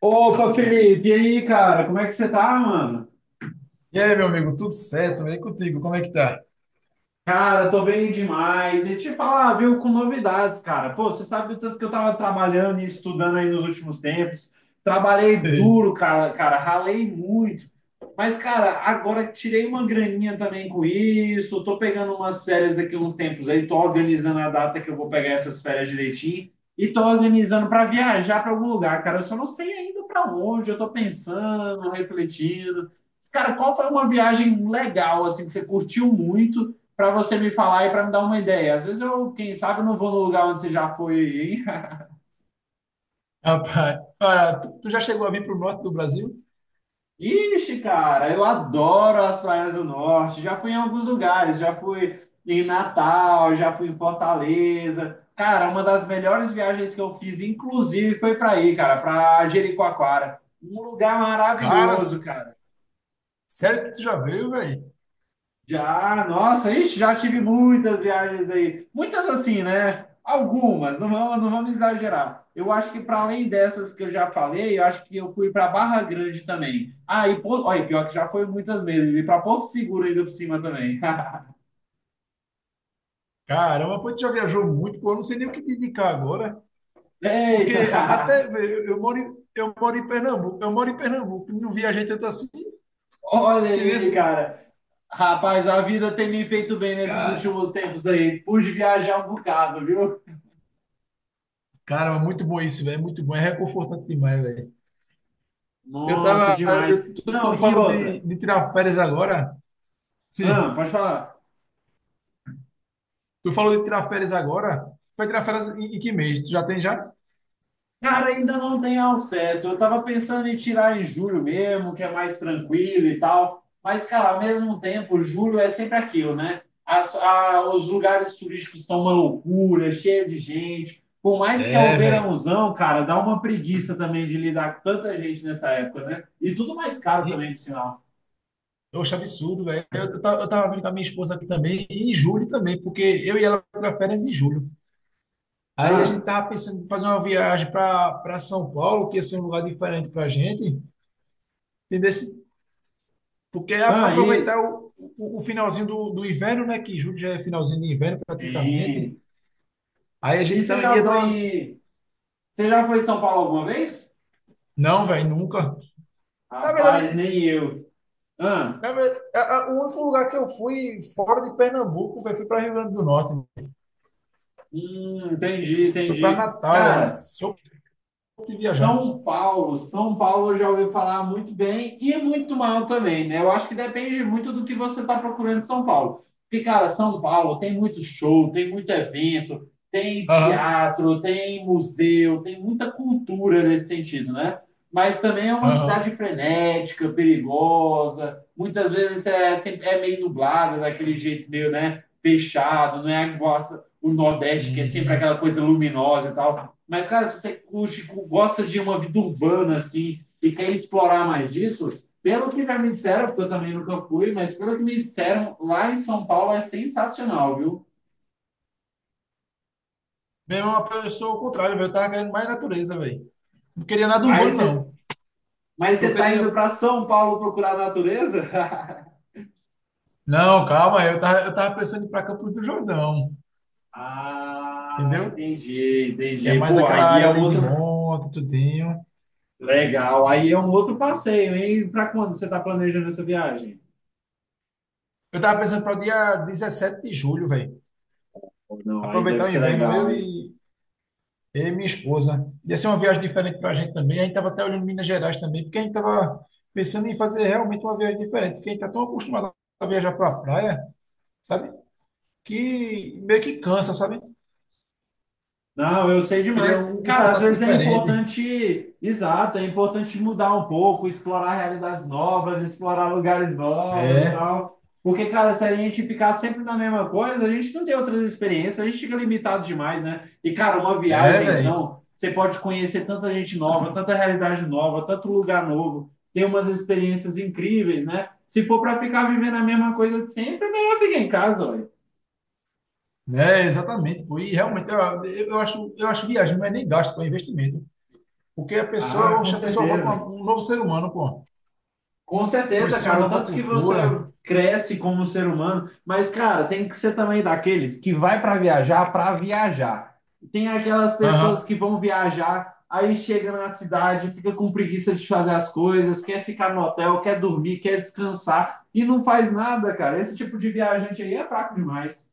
Opa, Felipe, e aí, cara, como é que você tá, mano? E aí, meu amigo, tudo certo? E contigo, como é que tá? Cara, tô bem demais. E te falar, viu, com novidades, cara. Pô, você sabe o tanto que eu tava trabalhando e estudando aí nos últimos tempos. Trabalhei Sei. duro, cara, ralei muito. Mas, cara, agora tirei uma graninha também com isso. Tô pegando umas férias daqui uns tempos aí. Tô organizando a data que eu vou pegar essas férias direitinho. E tô organizando para viajar para algum lugar, cara. Eu só não sei ainda para onde. Eu tô pensando, refletindo. Cara, qual foi uma viagem legal, assim, que você curtiu muito? Para você me falar e para me dar uma ideia. Às vezes eu, quem sabe, eu não vou no lugar onde você já foi, hein? Rapaz, cara, tu já chegou a vir pro norte do Brasil? Ixi, cara, eu adoro as praias do norte. Já fui em alguns lugares, já fui em Natal, já fui em Fortaleza. Cara, uma das melhores viagens que eu fiz, inclusive, foi para aí, cara, para Jericoacoara. Um lugar Cara, maravilhoso, cara. sério que tu já veio, velho? Já, nossa, ixi, já tive muitas viagens aí. Muitas assim, né? Algumas, não vamos exagerar. Eu acho que para além dessas que eu já falei, eu acho que eu fui para Barra Grande também. Ah, e Porto, olha, pior que já foi muitas mesmo. E para Porto Seguro ainda por cima também. Caramba, pô, tu já viajou muito, pô, eu não sei nem o que te indicar agora, Eita! porque até, velho, eu moro em Pernambuco, eu moro em Pernambuco, não viajei tanto assim, Olha e aí, nesse, cara. Rapaz, a vida tem me feito bem nesses cara, últimos tempos aí. Pude viajar um bocado, viu? caramba, muito bom isso, velho, muito bom, é reconfortante demais, velho. Eu Nossa, tava, demais. Tu Não, e falou outra? De tirar férias agora? Ah, Sim. pode falar. Tu falou de tirar férias agora? Vai tirar férias em, em que mês? Tu já tem já? Cara, ainda não tem ao certo. Eu tava pensando em tirar em julho mesmo, que é mais tranquilo e tal. Mas, cara, ao mesmo tempo, julho é sempre aquilo, né? Os lugares turísticos estão uma loucura, cheio de gente. Por mais que é o É, velho. verãozão, cara, dá uma preguiça também de lidar com tanta gente nessa época, né? E tudo mais caro E, também, por sinal. oxe, absurdo, velho. Eu tava vendo com a minha esposa aqui também, e em julho também, porque eu e ela tirar férias em julho. Aí a gente Ah, tava pensando em fazer uma viagem para São Paulo, que ia ser um lugar diferente pra gente, entendeu? Porque ah, aproveitar e, o finalzinho do inverno, né? Que julho já é finalzinho de inverno praticamente. e, Aí a e gente ia dar uma. Você já foi em São Paulo alguma vez? Não, velho, nunca. Na Rapaz, verdade. nem eu. Ah. Na verdade, o único lugar que eu fui fora de Pernambuco, velho, fui para Rio Grande do Norte, Entendi, fui para entendi. Natal, é isso. Cara, Sou pouco de viajar. São Paulo eu já ouvi falar muito bem e muito mal também, né? Eu acho que depende muito do que você está procurando em São Paulo. Porque, cara, São Paulo tem muito show, tem muito evento, tem Aham, teatro, tem museu, tem muita cultura nesse sentido, né? Mas também é uma aham. cidade frenética, perigosa, muitas vezes é, é meio nublada, daquele jeito meio, né? Fechado, não é o Nordeste, que é sempre Hum. aquela coisa luminosa e tal. Mas, cara, se você curte, gosta de uma vida urbana, assim, e quer explorar mais disso, pelo que já me disseram, porque eu também nunca fui, mas pelo que me disseram, lá em São Paulo é sensacional, viu? Meu irmão, eu sou o contrário, velho, eu tava querendo mais natureza, velho. Não queria nada Mas urbano, você, não. mas Eu você tá queria. indo para São Paulo procurar natureza? Não, calma, eu tava pensando em ir pra Campos do Jordão. Ah, Entendeu? entendi, Que é entendi. mais Pô, aquela aí é área um ali de outro. monte, tudinho. Legal, aí é um outro passeio, hein? Para quando você tá planejando essa viagem? Eu tava pensando para o dia 17 de julho, velho. Ou não, aí deve Aproveitar o ser inverno, legal, eu hein? e, eu e minha esposa. Ia ser uma viagem diferente para a gente também. A gente estava até olhando Minas Gerais também, porque a gente estava pensando em fazer realmente uma viagem diferente, porque a gente está tão acostumado a viajar para a praia, sabe? Que meio que cansa, sabe? Não, eu sei Queria demais. Um Cara, às contato vezes é diferente. importante, exato, é importante mudar um pouco, explorar realidades novas, explorar lugares novos e É, tal. Porque, cara, se a gente ficar sempre na mesma coisa, a gente não tem outras experiências, a gente fica limitado demais, né? E, cara, uma é, viagem, velho. então, você pode conhecer tanta gente nova, tanta realidade nova, tanto lugar novo, ter umas experiências incríveis, né? Se for para ficar vivendo a mesma coisa sempre, é melhor ficar em casa, olha. É, exatamente, pô. E realmente, eu, eu acho viagem não é nem gasto, pô, é investimento. Porque a Ah, pessoa, com oxe, a pessoa volta certeza. um novo ser humano, pô. Com certeza, Conhecer cara, uma o nova tanto que você cultura. cresce como ser humano, mas, cara, tem que ser também daqueles que vai para viajar para viajar. Tem aquelas pessoas que Aham. vão viajar, aí chega na cidade, fica com preguiça de fazer as coisas, quer ficar no hotel, quer dormir, quer descansar e não faz nada, cara. Esse tipo de viajante aí é fraco demais.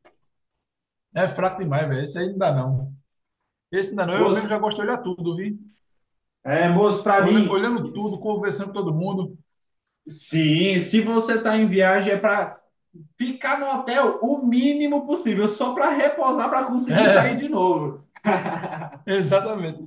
É fraco demais, velho. Isso aí não dá, não. Esse ainda não, eu mesmo Moço, já gosto de olhar tudo, vi? moço, para mim, Olhando tudo, conversando com todo mundo. sim, se você tá em viagem é para ficar no hotel o mínimo possível, só para repousar, para conseguir sair É, de novo. exatamente.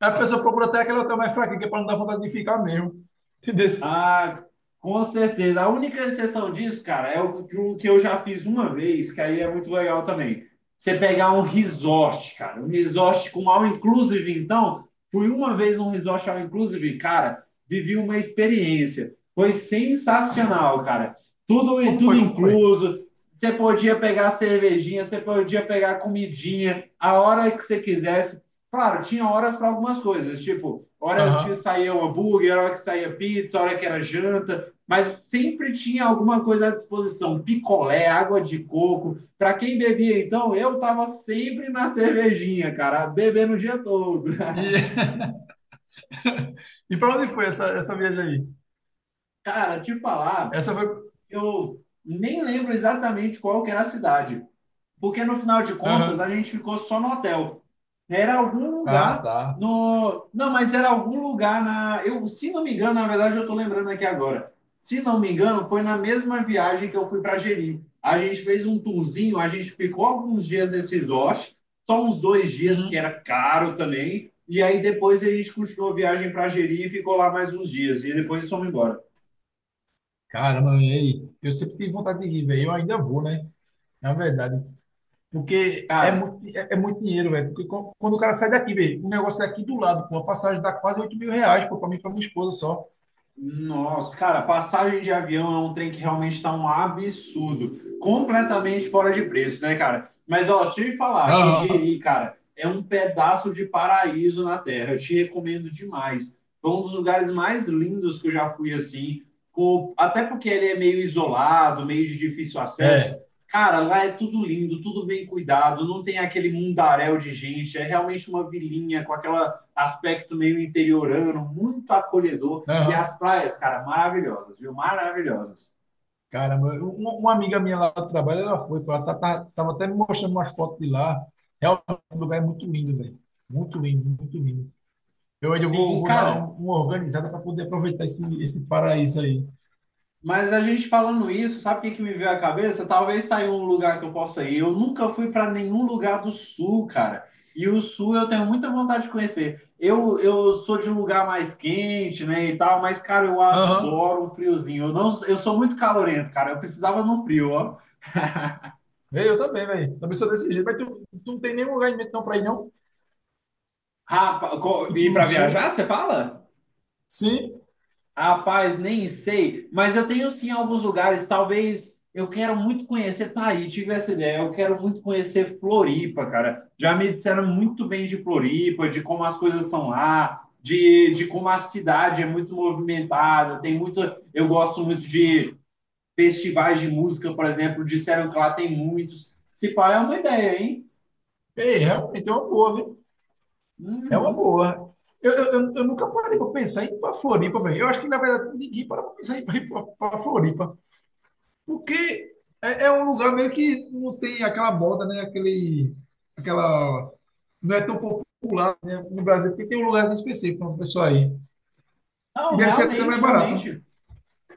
A pessoa procura até aquele hotel mais fraquinho, que é para não dar vontade de ficar mesmo. Entendeu? Ah, com certeza. A única exceção disso, cara, é o que eu já fiz uma vez, que aí é muito legal também. Você pegar um resort, cara, um resort com all inclusive, então, fui uma vez um resort all inclusive, cara, vivi uma experiência. Foi sensacional, cara. Tudo Como tudo foi? Como foi? incluso. Você podia pegar cervejinha, você podia pegar comidinha, a hora que você quisesse. Claro, tinha horas para algumas coisas, tipo horas que Aham. saía um hambúrguer, hora que saía pizza, hora que era janta, mas sempre tinha alguma coisa à disposição, picolé, água de coco. Para quem bebia, então, eu tava sempre na cervejinha, cara, bebendo o dia todo. E, e para onde foi essa, essa viagem aí? Cara, te falar, Essa foi. eu nem lembro exatamente qual que era a cidade, porque no final de contas a Aham. gente ficou só no hotel. Era algum Ah, lugar tá. no. Não, mas era algum lugar na. Eu, se não me engano, na verdade eu estou lembrando aqui agora. Se não me engano, foi na mesma viagem que eu fui para Jeri. A gente fez um tourzinho, a gente ficou alguns dias nesse resort, só uns dois dias, porque Uhum. era caro também. E aí depois a gente continuou a viagem para Jeri e ficou lá mais uns dias. E depois fomos embora. Caramba, e aí? Eu sempre tive vontade de ir, velho. Eu ainda vou, né? Na verdade. Porque é Cara, muito, é, é muito dinheiro, velho. Porque quando o cara sai daqui, velho, o negócio é aqui do lado, pô. A passagem dá quase R$ 8.000, pô, pra mim e pra minha esposa só. nossa, cara, passagem de avião é um trem que realmente está um absurdo. Completamente fora de preço, né, cara? Mas, ó, deixa eu te falar que Aham. Jeri, cara, é um pedaço de paraíso na Terra. Eu te recomendo demais. Foi um dos lugares mais lindos que eu já fui, assim. Até porque ele é meio isolado, meio de difícil acesso. É, Cara, lá é tudo lindo, tudo bem cuidado, não tem aquele mundaréu de gente. É realmente uma vilinha com aquele aspecto meio interiorano, muito acolhedor. E as aham. praias, cara, maravilhosas, viu? Maravilhosas. Caramba, uma amiga minha lá do trabalho, ela foi, pô, ela tava até me mostrando umas fotos de lá. Realmente, o lugar é muito lindo, velho. Muito lindo, muito lindo. Eu ainda Sim, vou dar cara, uma organizada para poder aproveitar esse paraíso aí. mas a gente falando isso, sabe o que, que me veio à cabeça? Talvez tá aí um lugar que eu possa ir. Eu nunca fui para nenhum lugar do sul, cara. E o sul eu tenho muita vontade de conhecer. Eu sou de um lugar mais quente, né, e tal, mas, cara, eu Aham. adoro um friozinho. Eu, não, eu sou muito calorento, cara. Eu precisava num frio, ó. Véi, eu também, velho. Também sou desse jeito. Mas tu não tem nenhum lugar em mente não pra ir, não? Rapaz, e Tipo no para viajar, sul? você fala? Sim? Rapaz, nem sei, mas eu tenho sim alguns lugares, talvez eu quero muito conhecer tá aí, tive essa ideia, eu quero muito conhecer Floripa, cara. Já me disseram muito bem de Floripa, de como as coisas são lá, de como a cidade é muito movimentada, tem muito, eu gosto muito de festivais de música, por exemplo, disseram que lá tem muitos. Se pá, é uma ideia, hein? É, realmente é uma boa, viu? É uma Uhum. boa. Eu nunca parei para pensar em ir para Floripa, velho. Eu acho que, na verdade, ninguém para pensar em ir para Floripa. Porque é, é um lugar meio que não tem aquela moda, né? Aquele, aquela... Não é tão popular, né, no Brasil, porque tem um lugar específico para o pessoal aí. E Não, deve ser até realmente, mais barato, né? realmente.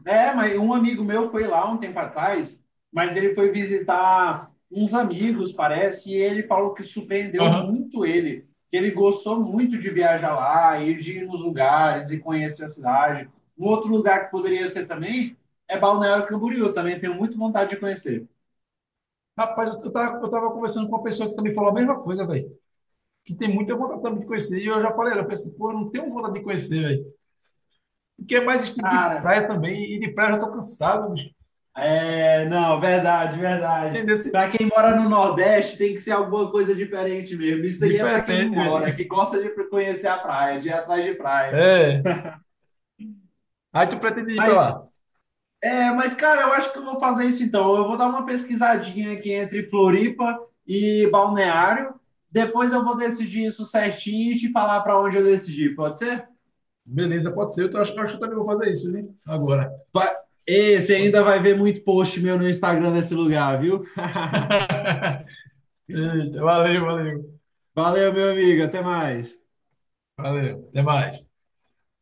É, mas um amigo meu foi lá um tempo atrás, mas ele foi visitar uns amigos, parece, e ele falou que surpreendeu Aham. muito ele, que ele gostou muito de viajar lá, e de ir nos lugares e conhecer a cidade. Um outro lugar que poderia ser também é Balneário Camboriú, também tenho muito vontade de conhecer. Rapaz, eu tava conversando com uma pessoa que também falou a mesma coisa, velho. Que tem muita vontade também de conhecer. E eu já falei, ela eu falei assim, pô, eu não tenho vontade de conhecer, velho. Porque é mais estilo de Cara, praia também. E de praia eu já tô cansado, bicho. é, não, verdade, verdade. Entendeu? Esse- Para quem mora no Nordeste, tem que ser alguma coisa diferente mesmo. Isso aí é para quem diferente, não velho. mora, que gosta de conhecer a praia, de ir atrás de praia. É. Aí tu pretende ir pra Mas lá. É, mas, cara, eu acho que eu vou fazer isso então. Eu vou dar uma pesquisadinha aqui entre Floripa e Balneário. Depois eu vou decidir isso certinho e te falar para onde eu decidi, pode ser? Beleza, pode ser. Eu acho, acho que eu também vou fazer isso, né? Agora. Vai... Ei, você ainda vai ver muito post meu no Instagram nesse lugar, viu? Eita, valeu, valeu. Valeu, meu amigo. Até mais. Valeu. Até mais.